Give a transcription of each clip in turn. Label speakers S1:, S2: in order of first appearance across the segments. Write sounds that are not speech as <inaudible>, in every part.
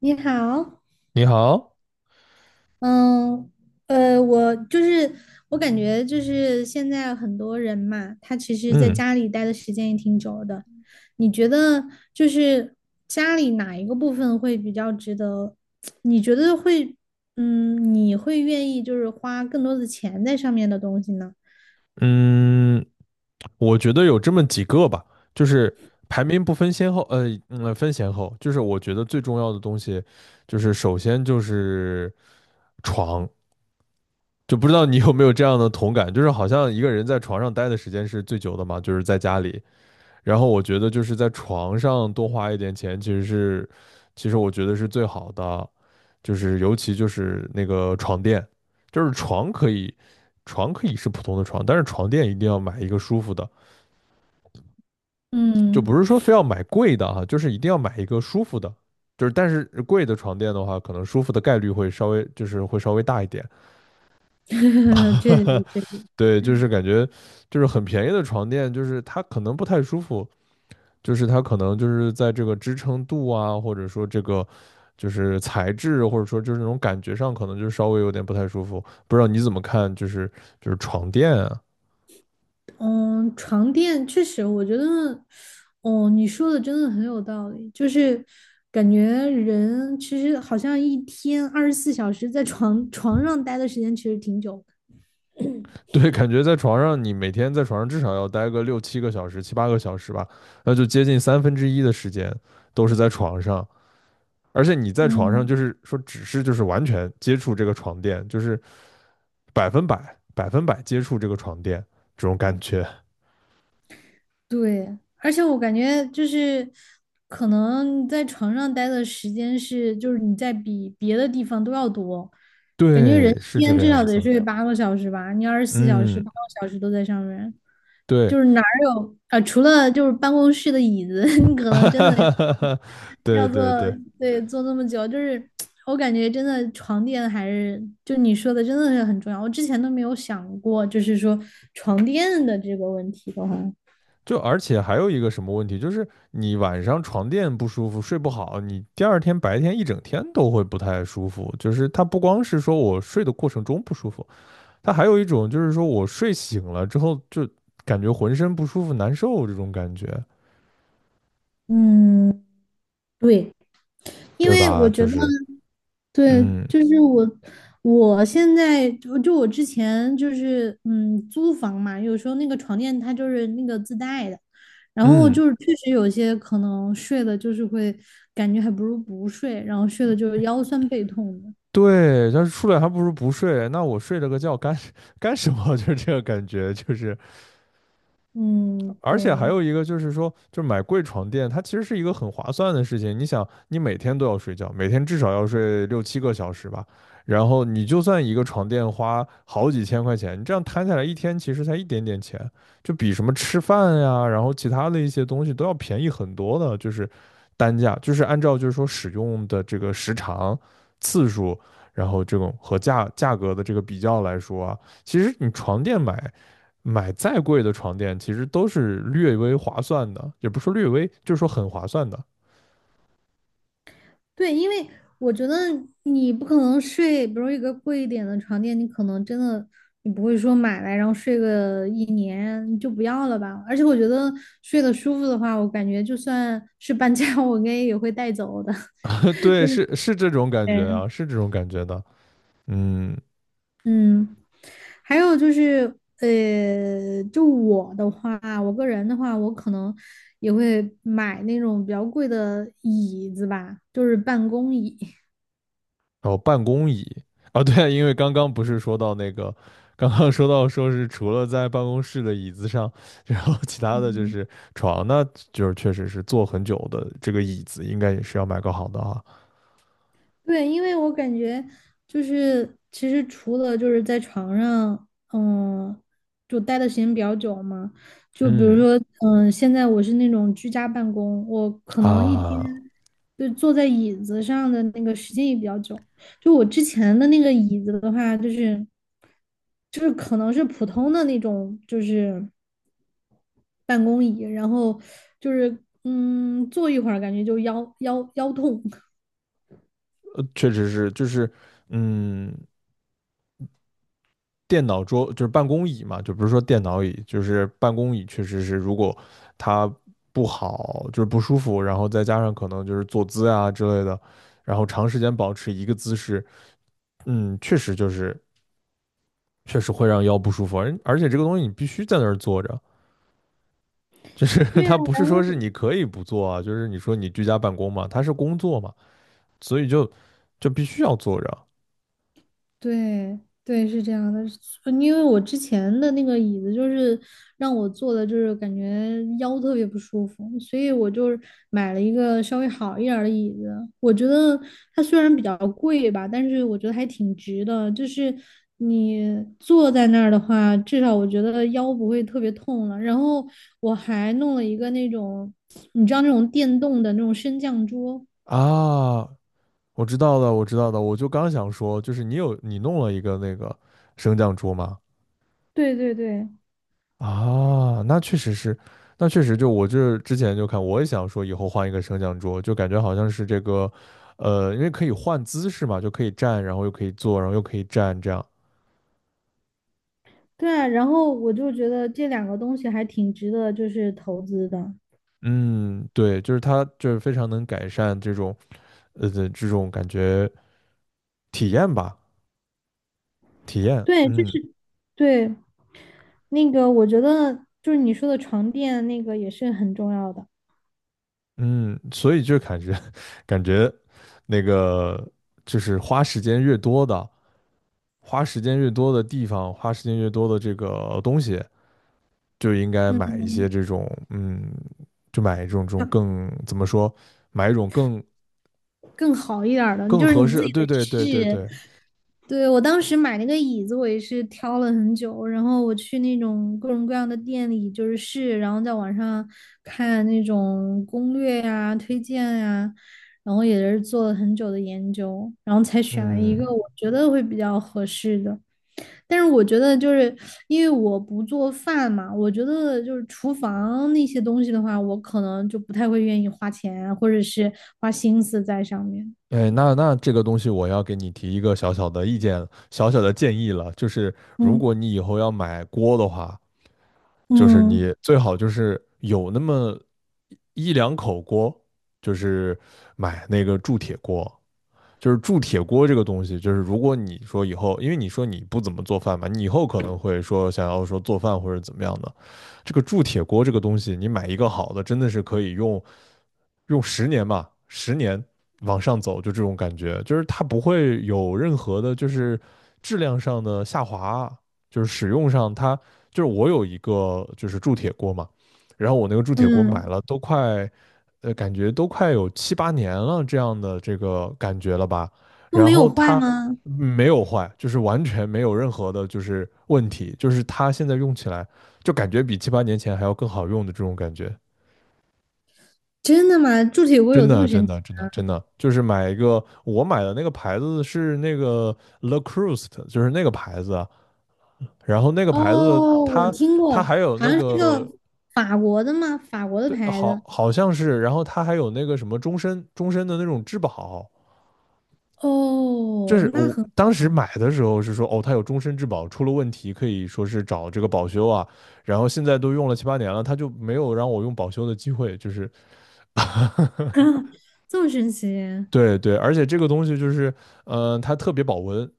S1: 你好。
S2: 你好，
S1: 嗯，呃，我就是我感觉就是现在很多人嘛，他其实在
S2: 嗯
S1: 家里待的时间也挺久的。你觉得就是家里哪一个部分会比较值得？你觉得会，嗯，你会愿意就是花更多的钱在上面的东西呢？
S2: 嗯，我觉得有这么几个吧，就是排名不分先后，分先后，就是我觉得最重要的东西，就是首先就是床。就不知道你有没有这样的同感，就是好像一个人在床上待的时间是最久的嘛，就是在家里。然后我觉得就是在床上多花一点钱，其实是，其实我觉得是最好的，就是尤其就是那个床垫，就是床可以，床可以是普通的床，但是床垫一定要买一个舒服的，就不
S1: 嗯，
S2: 是说非要买贵的哈，就是一定要买一个舒服的，就是但是贵的床垫的话，可能舒服的概率会稍微就是会稍微大一点。
S1: <laughs> 确实
S2: <laughs>
S1: 确实。
S2: 对，就是感觉就是很便宜的床垫，就是它可能不太舒服，就是它可能就是在这个支撑度啊，或者说这个就是材质，或者说就是那种感觉上，可能就稍微有点不太舒服。不知道你怎么看？就是床垫啊。
S1: 嗯，床垫确实，我觉得，哦，你说的真的很有道理，就是感觉人其实好像一天二十四小时在床 <laughs> 床上待的时间其实挺久的。
S2: <laughs> 对，感觉在床上你每天在床上至少要待个六七个小时、七八个小时吧，那就接近1/3的时间都是在床上。而且你在床上就
S1: 嗯，
S2: 是说，只是就是完全接触这个床垫，就是百分百接触这个床垫这种感觉。
S1: 对，而且我感觉就是可能你在床上待的时间是，就是你在比别的地方都要多。
S2: <laughs>
S1: 感觉人
S2: 对，是
S1: 一
S2: 这
S1: 天
S2: 个
S1: 至对少
S2: 样
S1: 得
S2: 子。
S1: 睡八个小时吧，你二十四小时
S2: 嗯，
S1: 八个小时都在上面。
S2: 对，
S1: 就是哪儿有啊、除了就是办公室的椅子，<laughs> 你可
S2: <laughs>
S1: 能真的要
S2: 哈，对
S1: 要坐。
S2: 对对。
S1: 对，坐那么久，就是我感觉真的床垫还是就你说的真的是很重要，我之前都没有想过，就是说床垫的这个问题的话。
S2: 就而且还有一个什么问题，就是你晚上床垫不舒服，睡不好，你第二天白天一整天都会不太舒服。就是它不光是说我睡的过程中不舒服，它还有一种就是说我睡醒了之后就感觉浑身不舒服、难受这种感觉，
S1: 嗯，对，因
S2: 对
S1: 为我
S2: 吧？就
S1: 觉得
S2: 是，
S1: 对，
S2: 嗯
S1: 就是我。我现在就我之前就是租房嘛，有时候那个床垫它就是那个自带的，然后
S2: 嗯，
S1: 就是确实有些可能睡的，就是会感觉还不如不睡，然后睡的就是腰酸背痛的。
S2: 对，但是出来还不如不睡，那我睡了个觉干 <laughs> 干什么？<laughs> 就是这个感觉，就是。
S1: 嗯，
S2: 而且还
S1: 对
S2: 有一个就是说，就买贵床垫，它其实是一个很划算的事情。你想，你每天都要睡觉，每天至少要睡六七个小时吧，然后你就算一个床垫花好几千块钱，你这样摊下来一天其实才一点点钱，就比什么吃饭呀，然后其他的一些东西都要便宜很多的，就是单价，就是按照就是说使用的这个时长、次数，然后这种和价格的这个比较来说啊，其实你床垫买再贵的床垫，其实都是略微划算的，也不是说略微，就是说很划算的
S1: 对。因为我觉得你不可能睡，比如一个贵一点的床垫，你可能真的你不会说买来然后睡个一年你就不要了吧。而且我觉得睡得舒服的话，我感觉就算是搬家，<laughs> 我应该也会带走的。
S2: <laughs>。对，是是这种感觉
S1: 嗯。
S2: 啊，是这种感觉的。嗯，
S1: 嗯，还有就是，就我的话，我个人的话，我可能也会买那种比较贵的椅子吧，就是办公椅。
S2: 然后办公椅啊，对，因为刚刚不是说到那个，刚刚说到说是除了在办公室的椅子上，然后其他的就
S1: 嗯，
S2: 是床，那就是确实是坐很久的这个椅子，应该也是要买个好的啊。
S1: 对，因为我感觉就是，其实除了就是在床上，嗯，就待的时间比较久嘛，就比如
S2: 嗯
S1: 说，嗯，现在我是那种居家办公，我可能一天
S2: 啊，
S1: 就坐在椅子上的那个时间也比较久。就我之前的那个椅子的话，就是可能是普通的那种，就是办公椅，然后就是嗯，坐一会儿感觉就腰痛。<laughs>
S2: 确实是，就是嗯，电脑桌就是办公椅嘛，就不是说电脑椅，就是办公椅，确实是如果它不好，就是不舒服，然后再加上可能就是坐姿啊之类的，然后长时间保持一个姿势，嗯，确实就是确实会让腰不舒服，而且这个东西你必须在那儿坐着，就是 <laughs>
S1: 对呀。
S2: 它不是说是你可以不做啊，就是你说你居家办公嘛，它是工作嘛，所以就必须要坐着
S1: 对对，是这样的，因为我之前的那个椅子就是让我坐的，就是感觉腰特别不舒服，所以我就是买了一个稍微好一点儿的椅子。我觉得它虽然比较贵吧，但是我觉得还挺值的。就是你坐在那儿的话，至少我觉得腰不会特别痛了。然后我还弄了一个那种，你知道那种电动的那种升降桌。
S2: 啊。我知道的，我知道的，我就刚想说，就是你弄了一个那个升降桌吗？
S1: 对对对。
S2: 啊，那确实是，那确实就我这之前就看，我也想说以后换一个升降桌，就感觉好像是这个，因为可以换姿势嘛，就可以站，然后又可以坐，然后又可以站，这样。
S1: 对啊，然后我就觉得这两个东西还挺值得就是投资的。
S2: 嗯，对，就是它就是非常能改善这种这种感觉体验吧，体验。
S1: 对，就
S2: 嗯
S1: 是对那个，我觉得就是你说的床垫那个也是很重要的。
S2: 嗯，所以就感觉 <laughs> 感觉那个就是花时间越多的，花时间越多的地方，花时间越多的这个东西，就应该买
S1: 嗯。
S2: 一些这种，嗯，就买一种这种更怎么说，买一种更
S1: 更好一点儿的，
S2: 更
S1: 就是
S2: 合
S1: 你自
S2: 适，
S1: 己
S2: 对
S1: 得
S2: 对对对
S1: 试。
S2: 对。
S1: 对，我当时买那个椅子，我也是挑了很久，然后我去那种各种各样的店里就是试，然后在网上看那种攻略呀、推荐呀，然后也是做了很久的研究，然后才选了一
S2: 嗯，
S1: 个我觉得会比较合适的。但是我觉得就是因为我不做饭嘛，我觉得就是厨房那些东西的话，我可能就不太会愿意花钱啊或者是花心思在上面。
S2: 哎，那这个东西我要给你提一个小小的意见，小小的建议了，就是如果
S1: 嗯
S2: 你以后要买锅的话。就是
S1: 嗯
S2: 你最好就是有那么一两口锅，就是买那个铸铁锅。就是铸铁锅这个东西，就是如果你说以后，因为你说你不怎么做饭嘛，你以后可能会说想要说做饭或者怎么样的，这个铸铁锅这个东西，你买一个好的，真的是可以用十年吧，十年往上走，就这种感觉。就是它不会有任何的，就是质量上的下滑，就是使用上它就是我有一个就是铸铁锅嘛，然后我那个铸铁锅买
S1: 嗯，
S2: 了都快，感觉都快有七八年了这样的这个感觉了吧。
S1: 都
S2: 然
S1: 没有
S2: 后
S1: 坏
S2: 它
S1: 吗？
S2: 没有坏，就是完全没有任何的就是问题，就是它现在用起来就感觉比七八年前还要更好用的这种感觉。
S1: 真的吗？铸铁锅
S2: 真
S1: 有这么
S2: 的，
S1: 神
S2: 真
S1: 奇？
S2: 的，真的，真的，就是买一个，我买的那个牌子是那个 Le Creuset 就是那个牌子，然后那个牌子
S1: 哦，我
S2: 它
S1: 听
S2: 它
S1: 过，
S2: 还有
S1: 好
S2: 那
S1: 像是
S2: 个
S1: 个法国的吗？法国的
S2: 对，
S1: 牌
S2: 好
S1: 子。
S2: 好像是，然后它还有那个什么终身的那种质保，这
S1: 哦，
S2: 是我当时买的时候是说哦，它有终身质保，出了问题可以说是找这个保修啊，然后现在都用了七八年了，它就没有让我用保修的机会，就是。
S1: <coughs> <laughs> 这么神奇。
S2: 对对，而且这个东西就是，嗯、它特别保温，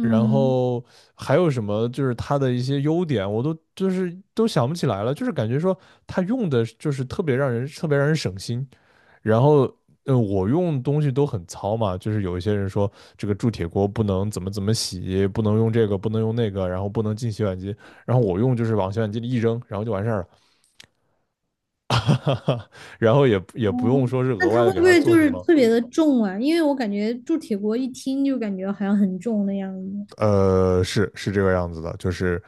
S2: 然后还有什么就是它的一些优点，我都就是都想不起来了，就是感觉说它用的就是特别让人省心。然后，嗯，我用东西都很糙嘛，就是有一些人说这个铸铁锅不能怎么怎么洗，不能用这个，不能用那个，然后不能进洗碗机。然后我用就是往洗碗机里一扔，然后就完事儿了，<laughs> 哈哈。然后也不用
S1: 哦，
S2: 说是
S1: 那
S2: 额
S1: 它
S2: 外的
S1: 会
S2: 给
S1: 不
S2: 它
S1: 会
S2: 做
S1: 就
S2: 什
S1: 是
S2: 么，
S1: 特别的重啊？因为我感觉铸铁锅一听就感觉好像很重的样子。
S2: 是是这个样子的，就是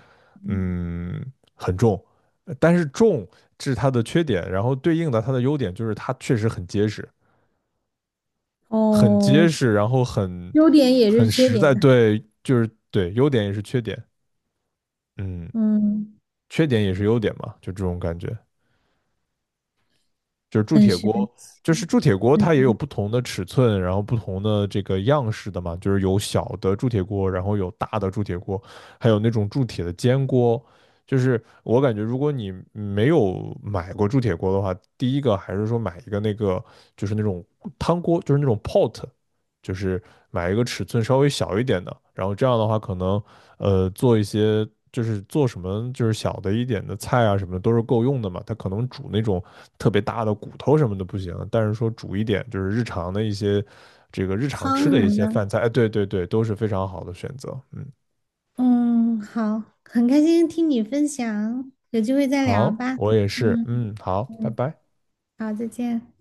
S2: 嗯很重，但是重是它的缺点，然后对应的它的优点就是它确实很结实，很
S1: 哦，
S2: 结实，然后很
S1: 优点也是
S2: 很
S1: 缺
S2: 实
S1: 点
S2: 在，
S1: 啊。
S2: 对，就是对，优点也是缺点，嗯，
S1: 嗯，
S2: 缺点也是优点嘛，就这种感觉。就是铸
S1: 很
S2: 铁
S1: 神
S2: 锅，
S1: 奇，
S2: 就是铸铁锅，
S1: 很
S2: 它也
S1: 神
S2: 有
S1: 奇
S2: 不同的尺寸，然后不同的这个样式的嘛，就是有小的铸铁锅，然后有大的铸铁锅，还有那种铸铁的煎锅。就是我感觉，如果你没有买过铸铁锅的话，第一个还是说买一个那个，就是那种汤锅，就是那种 pot，就是买一个尺寸稍微小一点的，然后这样的话可能做一些就是做什么就是小的一点的菜啊什么的都是够用的嘛。它可能煮那种特别大的骨头什么的不行，但是说煮一点就是日常的一些这个日常吃
S1: 汤
S2: 的
S1: 什
S2: 一
S1: 么
S2: 些
S1: 的。
S2: 饭菜，哎，对对对，都是非常好的选择。嗯，
S1: 嗯，好，很开心听你分享，有机会再聊
S2: 好，
S1: 吧。
S2: 我也是，
S1: 嗯
S2: 嗯，好，拜
S1: 嗯，
S2: 拜。
S1: 好，再见。